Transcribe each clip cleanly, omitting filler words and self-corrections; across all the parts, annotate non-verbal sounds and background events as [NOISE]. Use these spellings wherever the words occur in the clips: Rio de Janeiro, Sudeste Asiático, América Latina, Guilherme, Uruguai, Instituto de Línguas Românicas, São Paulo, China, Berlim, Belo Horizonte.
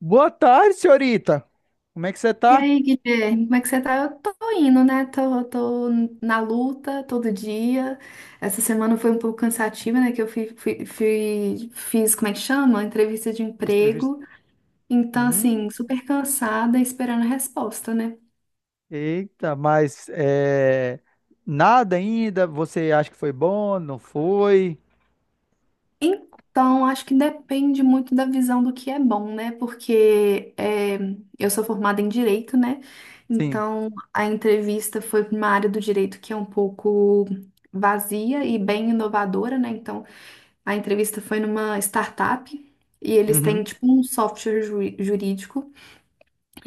Boa tarde, senhorita. Como é que você E tá? aí, Guilherme, como é que você tá? Eu tô indo, né? Tô na luta todo dia. Essa semana foi um pouco cansativa, né? Que eu fiz, como é que chama? Entrevista de Entrevista. emprego. Então, assim, Hum, super cansada, esperando a resposta, né? eita, nada ainda. Você acha que foi bom? Não foi? Então, acho que depende muito da visão do que é bom, né? Eu sou formada em direito, né? Sim. Então, a entrevista foi pra uma área do direito que é um pouco vazia e bem inovadora, né? Então, a entrevista foi numa startup e eles Uhum, têm tipo um software jurídico.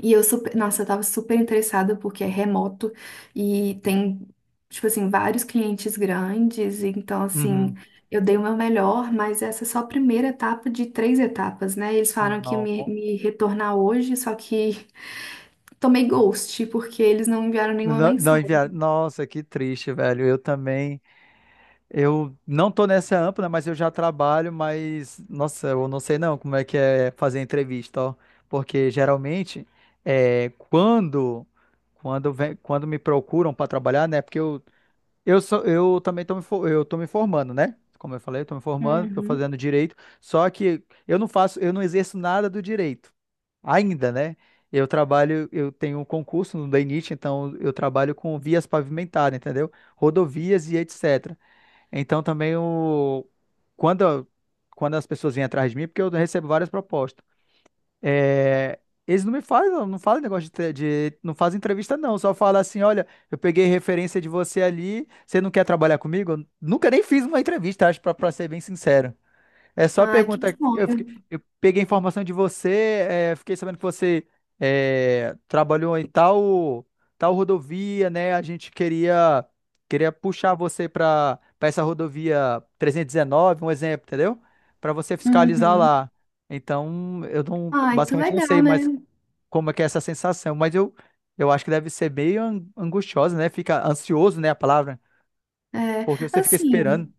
E eu super, nossa, eu tava super interessada porque é remoto e tem tipo assim vários clientes grandes, então uhum. assim, eu dei o meu melhor, mas essa é só a primeira etapa de três etapas, né? Eles falaram que ia Não, me retornar hoje, só que [LAUGHS] tomei ghost porque eles não enviaram nenhuma não, não mensagem. enviaram. Nossa, que triste, velho. Eu também. Eu não tô nessa ampla, mas eu já trabalho. Mas, nossa, eu não sei não como é que é fazer entrevista, ó. Porque geralmente é quando. Quando me procuram para trabalhar, né? Porque eu, sou, eu também estou eu tô me formando, né? Como eu falei, estou me formando, estou Uhum. fazendo direito, só que eu não exerço nada do direito ainda, né? Eu trabalho, eu tenho um concurso no DENIT, então eu trabalho com vias pavimentadas, entendeu? Rodovias e etc. Então também o, quando, quando as pessoas vêm atrás de mim, porque eu recebo várias propostas. É, eles não me falam, não falam negócio de, tre- de- não fazem entrevista não, só falam assim, olha, eu peguei referência de você ali, você não quer trabalhar comigo? Eu nunca nem fiz uma entrevista, acho, pra ser bem sincero. É só Ai, que pergunta. Sonho. Eu peguei informação de você, fiquei sabendo que você trabalhou em tal, tal rodovia, né? Queria puxar você para essa rodovia 319, um exemplo, entendeu? Para você fiscalizar Uhum. lá. Então, eu não, Ai, que basicamente não legal, sei né? mais como é que é essa sensação, eu acho que deve ser meio angustiosa, né? Fica ansioso, né? A palavra, É, porque você fica esperando. assim,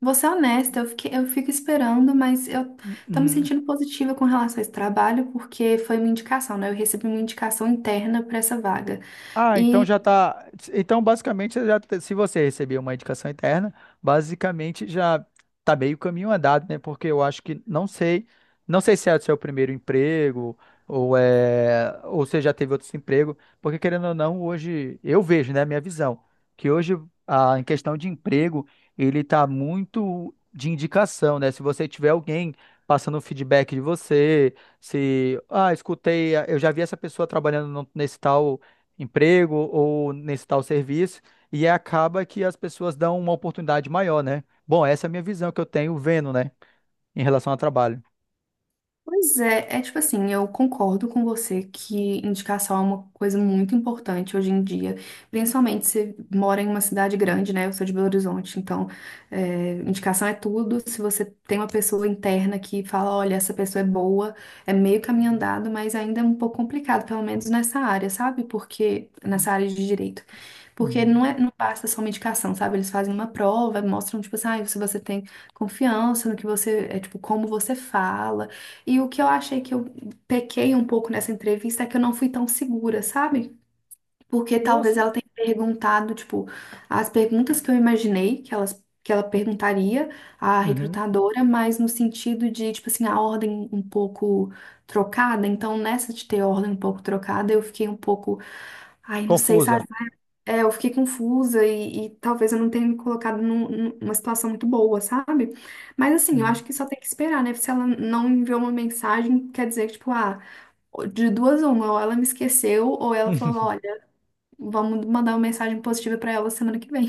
vou ser honesta, eu fico esperando, mas eu tô me Uhum. sentindo positiva com relação a esse trabalho, porque foi uma indicação, né? Eu recebi uma indicação interna para essa vaga. Ah, então já tá. Então, basicamente, se você receber uma indicação interna, basicamente já tá meio caminho andado, né? Porque eu acho que não sei, não sei se é o seu primeiro emprego ou é, ou você já teve outros empregos, porque querendo ou não, hoje eu vejo, né, minha visão, que hoje a em questão de emprego, ele tá muito de indicação, né? Se você tiver alguém passando um feedback de você, se, ah, escutei, eu já vi essa pessoa trabalhando nesse tal emprego ou nesse tal serviço, e acaba que as pessoas dão uma oportunidade maior, né? Bom, essa é a minha visão que eu tenho vendo, né, em relação ao trabalho. Pois é, é tipo assim, eu concordo com você que indicação é uma coisa muito importante hoje em dia, principalmente se mora em uma cidade grande, né? Eu sou de Belo Horizonte, então é, indicação é tudo. Se você tem uma pessoa interna que fala, olha, essa pessoa é boa, é meio caminho andado, mas ainda é um pouco complicado, pelo menos nessa área, sabe? Porque nessa área de direito. Porque Uhum. não é, não basta só uma indicação, sabe? Eles fazem uma prova, mostram, tipo assim, ah, se você tem confiança no que tipo, como você fala. E o que eu achei que eu pequei um pouco nessa entrevista é que eu não fui tão segura, sabe? Porque talvez Nossa. ela tenha perguntado, tipo, as perguntas que eu imaginei que que ela perguntaria à Uhum. recrutadora, mas no sentido de, tipo assim, a ordem um pouco trocada. Então, nessa de ter ordem um pouco trocada, eu fiquei um pouco, ai, não sei, Confusa. sabe? É, eu fiquei confusa e talvez eu não tenha me colocado numa situação muito boa, sabe? Mas assim, eu Uhum. acho que só tem que esperar, né? Se ela não enviou uma mensagem, quer dizer que, tipo, ah, de duas uma, ou ela me esqueceu, ou ela falou, [LAUGHS] olha, vamos mandar uma mensagem positiva pra ela semana que vem.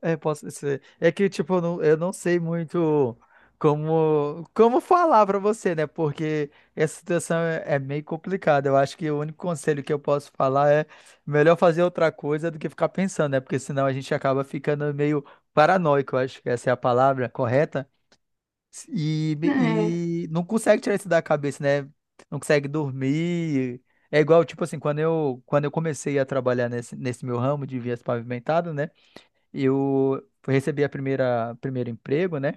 É, é, posso ser. É que, tipo, eu não sei muito como, como falar pra você, né? Porque essa situação é, é meio complicada. Eu acho que o único conselho que eu posso falar é melhor fazer outra coisa do que ficar pensando, né? Porque senão a gente acaba ficando meio paranoico, eu acho que essa é a palavra correta. E, É. e não consegue tirar isso da cabeça, né? Não consegue dormir. É igual, tipo assim, quando eu comecei a trabalhar nesse meu ramo de vias pavimentadas, né? Eu recebi a primeira primeiro emprego, né?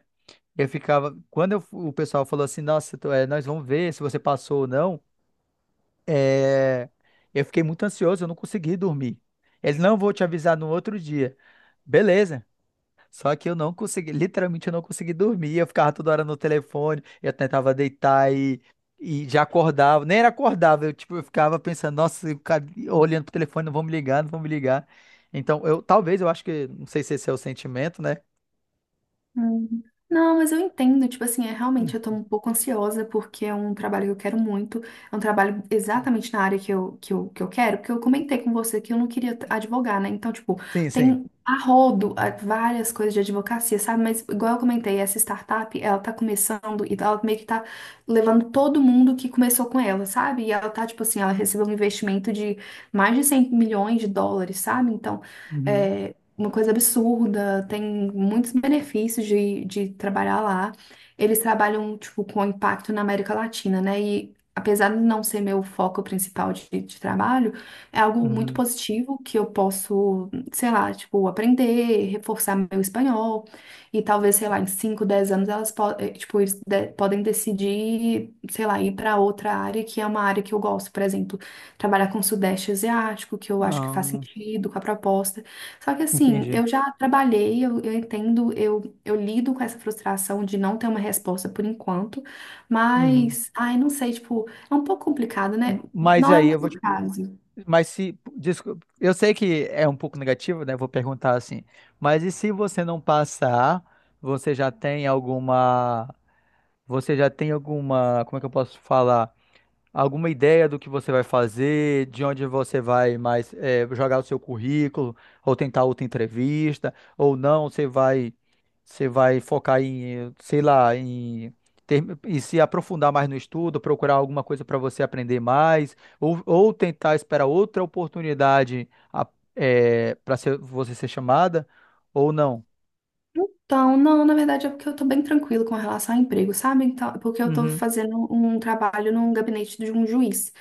Eu ficava, quando o pessoal falou assim, nossa, nós vamos ver se você passou ou não, é, eu fiquei muito ansioso, eu não consegui dormir. Eles não vou te avisar no outro dia. Beleza. Só que eu não consegui, literalmente eu não consegui dormir, eu ficava toda hora no telefone, eu tentava deitar e já acordava, nem era acordava, eu tipo, eu ficava pensando, nossa, olhando pro telefone, não vão me ligar, não vão me ligar. Então, eu acho que, não sei se esse é o sentimento, né? Hum. Não, mas eu entendo, tipo assim, é realmente Hum. eu tô um pouco ansiosa porque é um trabalho que eu quero muito, é um trabalho exatamente na área que eu quero, porque eu comentei com você que eu não queria advogar, né? Então, tipo, Sim, sim. tem a várias coisas de advocacia, sabe? Mas igual eu comentei, essa startup, ela tá começando e ela meio que tá levando todo mundo que começou com ela, sabe? E ela tá, tipo assim, ela recebeu um investimento de mais de 100 milhões de dólares, sabe? Então, Uhum, é, uma coisa absurda, tem muitos benefícios de trabalhar lá. Eles trabalham, tipo, com impacto na América Latina, né? E apesar de não ser meu foco principal de trabalho, é algo muito uhum. positivo que eu posso, sei lá, tipo, aprender, reforçar meu espanhol. E talvez, sei lá, em 5 10 anos tipo, eles podem decidir, sei lá, ir para outra área que é uma área que eu gosto, por exemplo, trabalhar com o Sudeste Asiático, que eu acho que faz Ah, sentido com a proposta. Só que assim, entendi. eu já trabalhei, eu entendo, eu lido com essa frustração de não ter uma resposta por enquanto, Uhum. mas, ai, não sei, tipo, é um pouco complicado, né? Mas Não é o aí eu vou te... meu caso. Mas se... Desculpa, eu sei que é um pouco negativo, né? Vou perguntar assim. Mas e se você não passar, você já tem alguma... Você já tem alguma... Como é que eu posso falar? Alguma ideia do que você vai fazer, de onde você vai mais jogar o seu currículo, ou tentar outra entrevista, ou não, você vai focar em, sei lá, em ter, e se aprofundar mais no estudo, procurar alguma coisa para você aprender mais, ou tentar esperar outra oportunidade para você ser chamada, ou não. Então, não, na verdade é porque eu tô bem tranquilo com relação ao emprego, sabe? Então, é porque eu tô Uhum, fazendo um trabalho num gabinete de um juiz.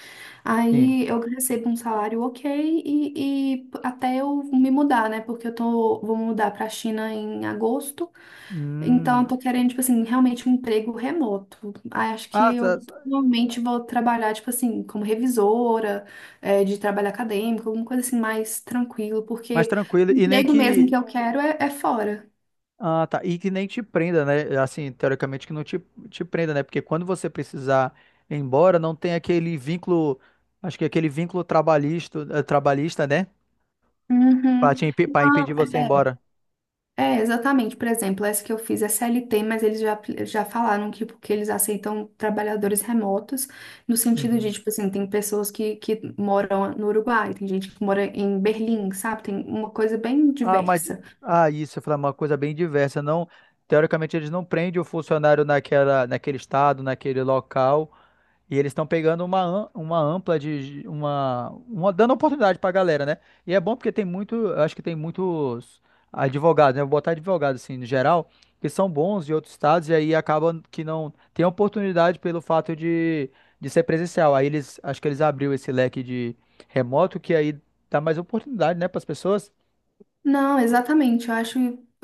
sim. Aí eu recebo um salário ok e até eu me mudar, né? Porque eu tô, vou mudar pra China em agosto. Então, eu Hum. tô querendo, tipo assim, realmente um emprego remoto. Aí, acho que Ah, tá, eu provavelmente vou trabalhar, tipo assim, como revisora, é, de trabalho acadêmico, alguma coisa assim mais tranquilo, mais porque tranquilo. o E nem emprego mesmo que... que eu quero é fora. Ah, tá. E que nem te prenda, né? Assim, teoricamente que não te, te prenda, né? Porque quando você precisar ir embora, não tem aquele vínculo, acho que é aquele vínculo trabalhista, trabalhista, né? Uhum. Pra impedir Não, você ir embora. é, é, exatamente. Por exemplo, essa que eu fiz é CLT, mas eles já falaram que porque eles aceitam trabalhadores remotos, no sentido de, Uhum. tipo assim, tem pessoas que moram no Uruguai, tem gente que mora em Berlim, sabe? Tem uma coisa bem Ah, mas. diversa. Ah, isso, eu falei uma coisa bem diversa. Não, teoricamente, eles não prendem o funcionário naquele estado, naquele local. E eles estão pegando uma ampla de uma dando oportunidade pra galera, né? E é bom porque tem muito, eu acho que tem muitos advogados, né? Vou botar advogado assim, no geral, que são bons de outros estados e aí acabam que não tem oportunidade pelo fato de ser presencial. Aí eles, acho que eles abriu esse leque de remoto que aí dá mais oportunidade, né, para as pessoas. Não, exatamente. Eu acho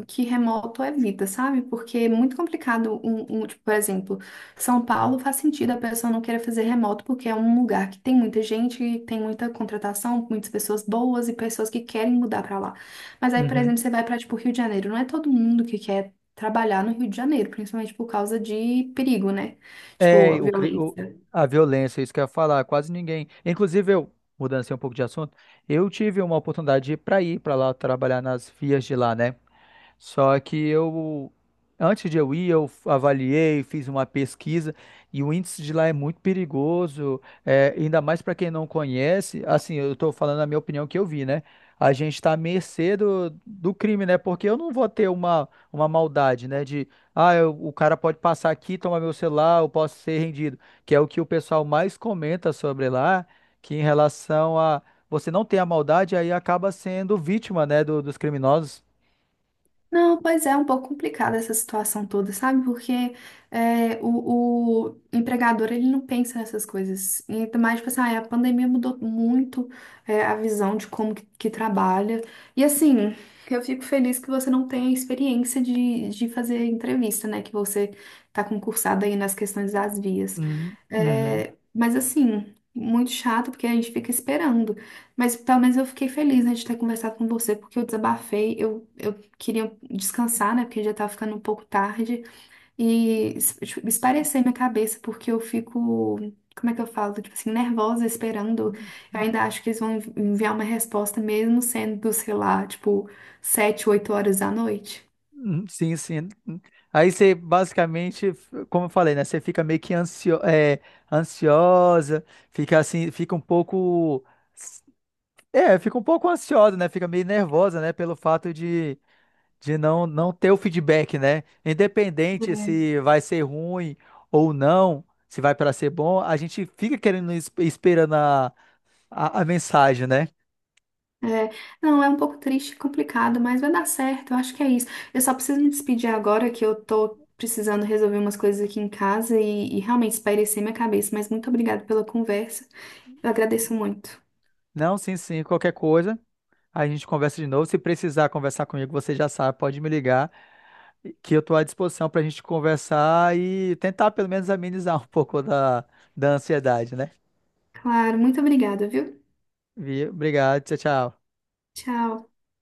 que remoto é vida, sabe? Porque é muito complicado tipo, por exemplo, São Paulo faz sentido a pessoa não querer fazer remoto porque é um lugar que tem muita gente, tem muita contratação, muitas pessoas boas e pessoas que querem mudar pra lá. Mas aí, por exemplo, você vai pra tipo Rio de Janeiro, não é todo mundo que quer trabalhar no Rio de Janeiro, principalmente por causa de perigo, né? Tipo, É, o, cri- o- violência. a violência, isso que eu ia falar, quase ninguém. Inclusive, mudando assim um pouco de assunto, eu tive uma oportunidade para ir para lá trabalhar nas vias de lá, né? Só que eu, antes de eu ir, eu avaliei, fiz uma pesquisa e o índice de lá é muito perigoso, é, ainda mais para quem não conhece. Assim, eu estou falando a minha opinião que eu vi, né? A gente está à mercê do crime, né? Porque eu não vou ter uma maldade, né? De, ah, o cara pode passar aqui, tomar meu celular, eu posso ser rendido. Que é o que o pessoal mais comenta sobre lá, que em relação a você não ter a maldade, aí acaba sendo vítima, né, dos criminosos. Não, pois é, um pouco complicada essa situação toda, sabe? Porque é, o empregador, ele não pensa nessas coisas. E ainda mais, tipo assim, ah, a pandemia mudou muito é, a visão de como que trabalha. E assim, eu fico feliz que você não tenha experiência de fazer entrevista, né? Que você tá concursada aí nas questões das vias. Uhum, uhum. É, mas assim, muito chato, porque a gente fica esperando. Mas pelo menos eu fiquei feliz, né, de ter conversado com você, porque eu desabafei, eu queria descansar, né? Porque já tava ficando um pouco tarde. E tipo, esparecer minha cabeça, porque eu fico. Como é que eu falo? Tipo assim, nervosa, esperando. Eu ainda acho que eles vão enviar uma resposta, mesmo sendo, sei lá, tipo, 7, 8 horas da noite. Uhum. Sim, sim. Aí você basicamente, como eu falei, né? Você fica meio que ansiosa, fica assim, fica um pouco. É, fica um pouco ansiosa, né? Fica meio nervosa, né? Pelo fato de, não ter o feedback, né? Independente se vai ser ruim ou não, se vai para ser bom, a gente fica querendo, esperando a mensagem, né? É, é. Não, é um pouco triste e complicado, mas vai dar certo, eu acho que é isso. Eu só preciso me despedir agora que eu tô precisando resolver umas coisas aqui em casa e realmente espairecer minha cabeça, mas muito obrigada pela conversa. Eu agradeço muito. Não, sim, sim, qualquer coisa. A gente conversa de novo. Se precisar conversar comigo, você já sabe, pode me ligar, que eu estou à disposição para a gente conversar e tentar pelo menos amenizar [LAUGHS] um pouco da ansiedade, né? Claro, muito obrigada, viu? Obrigado, tchau, tchau. Tchau.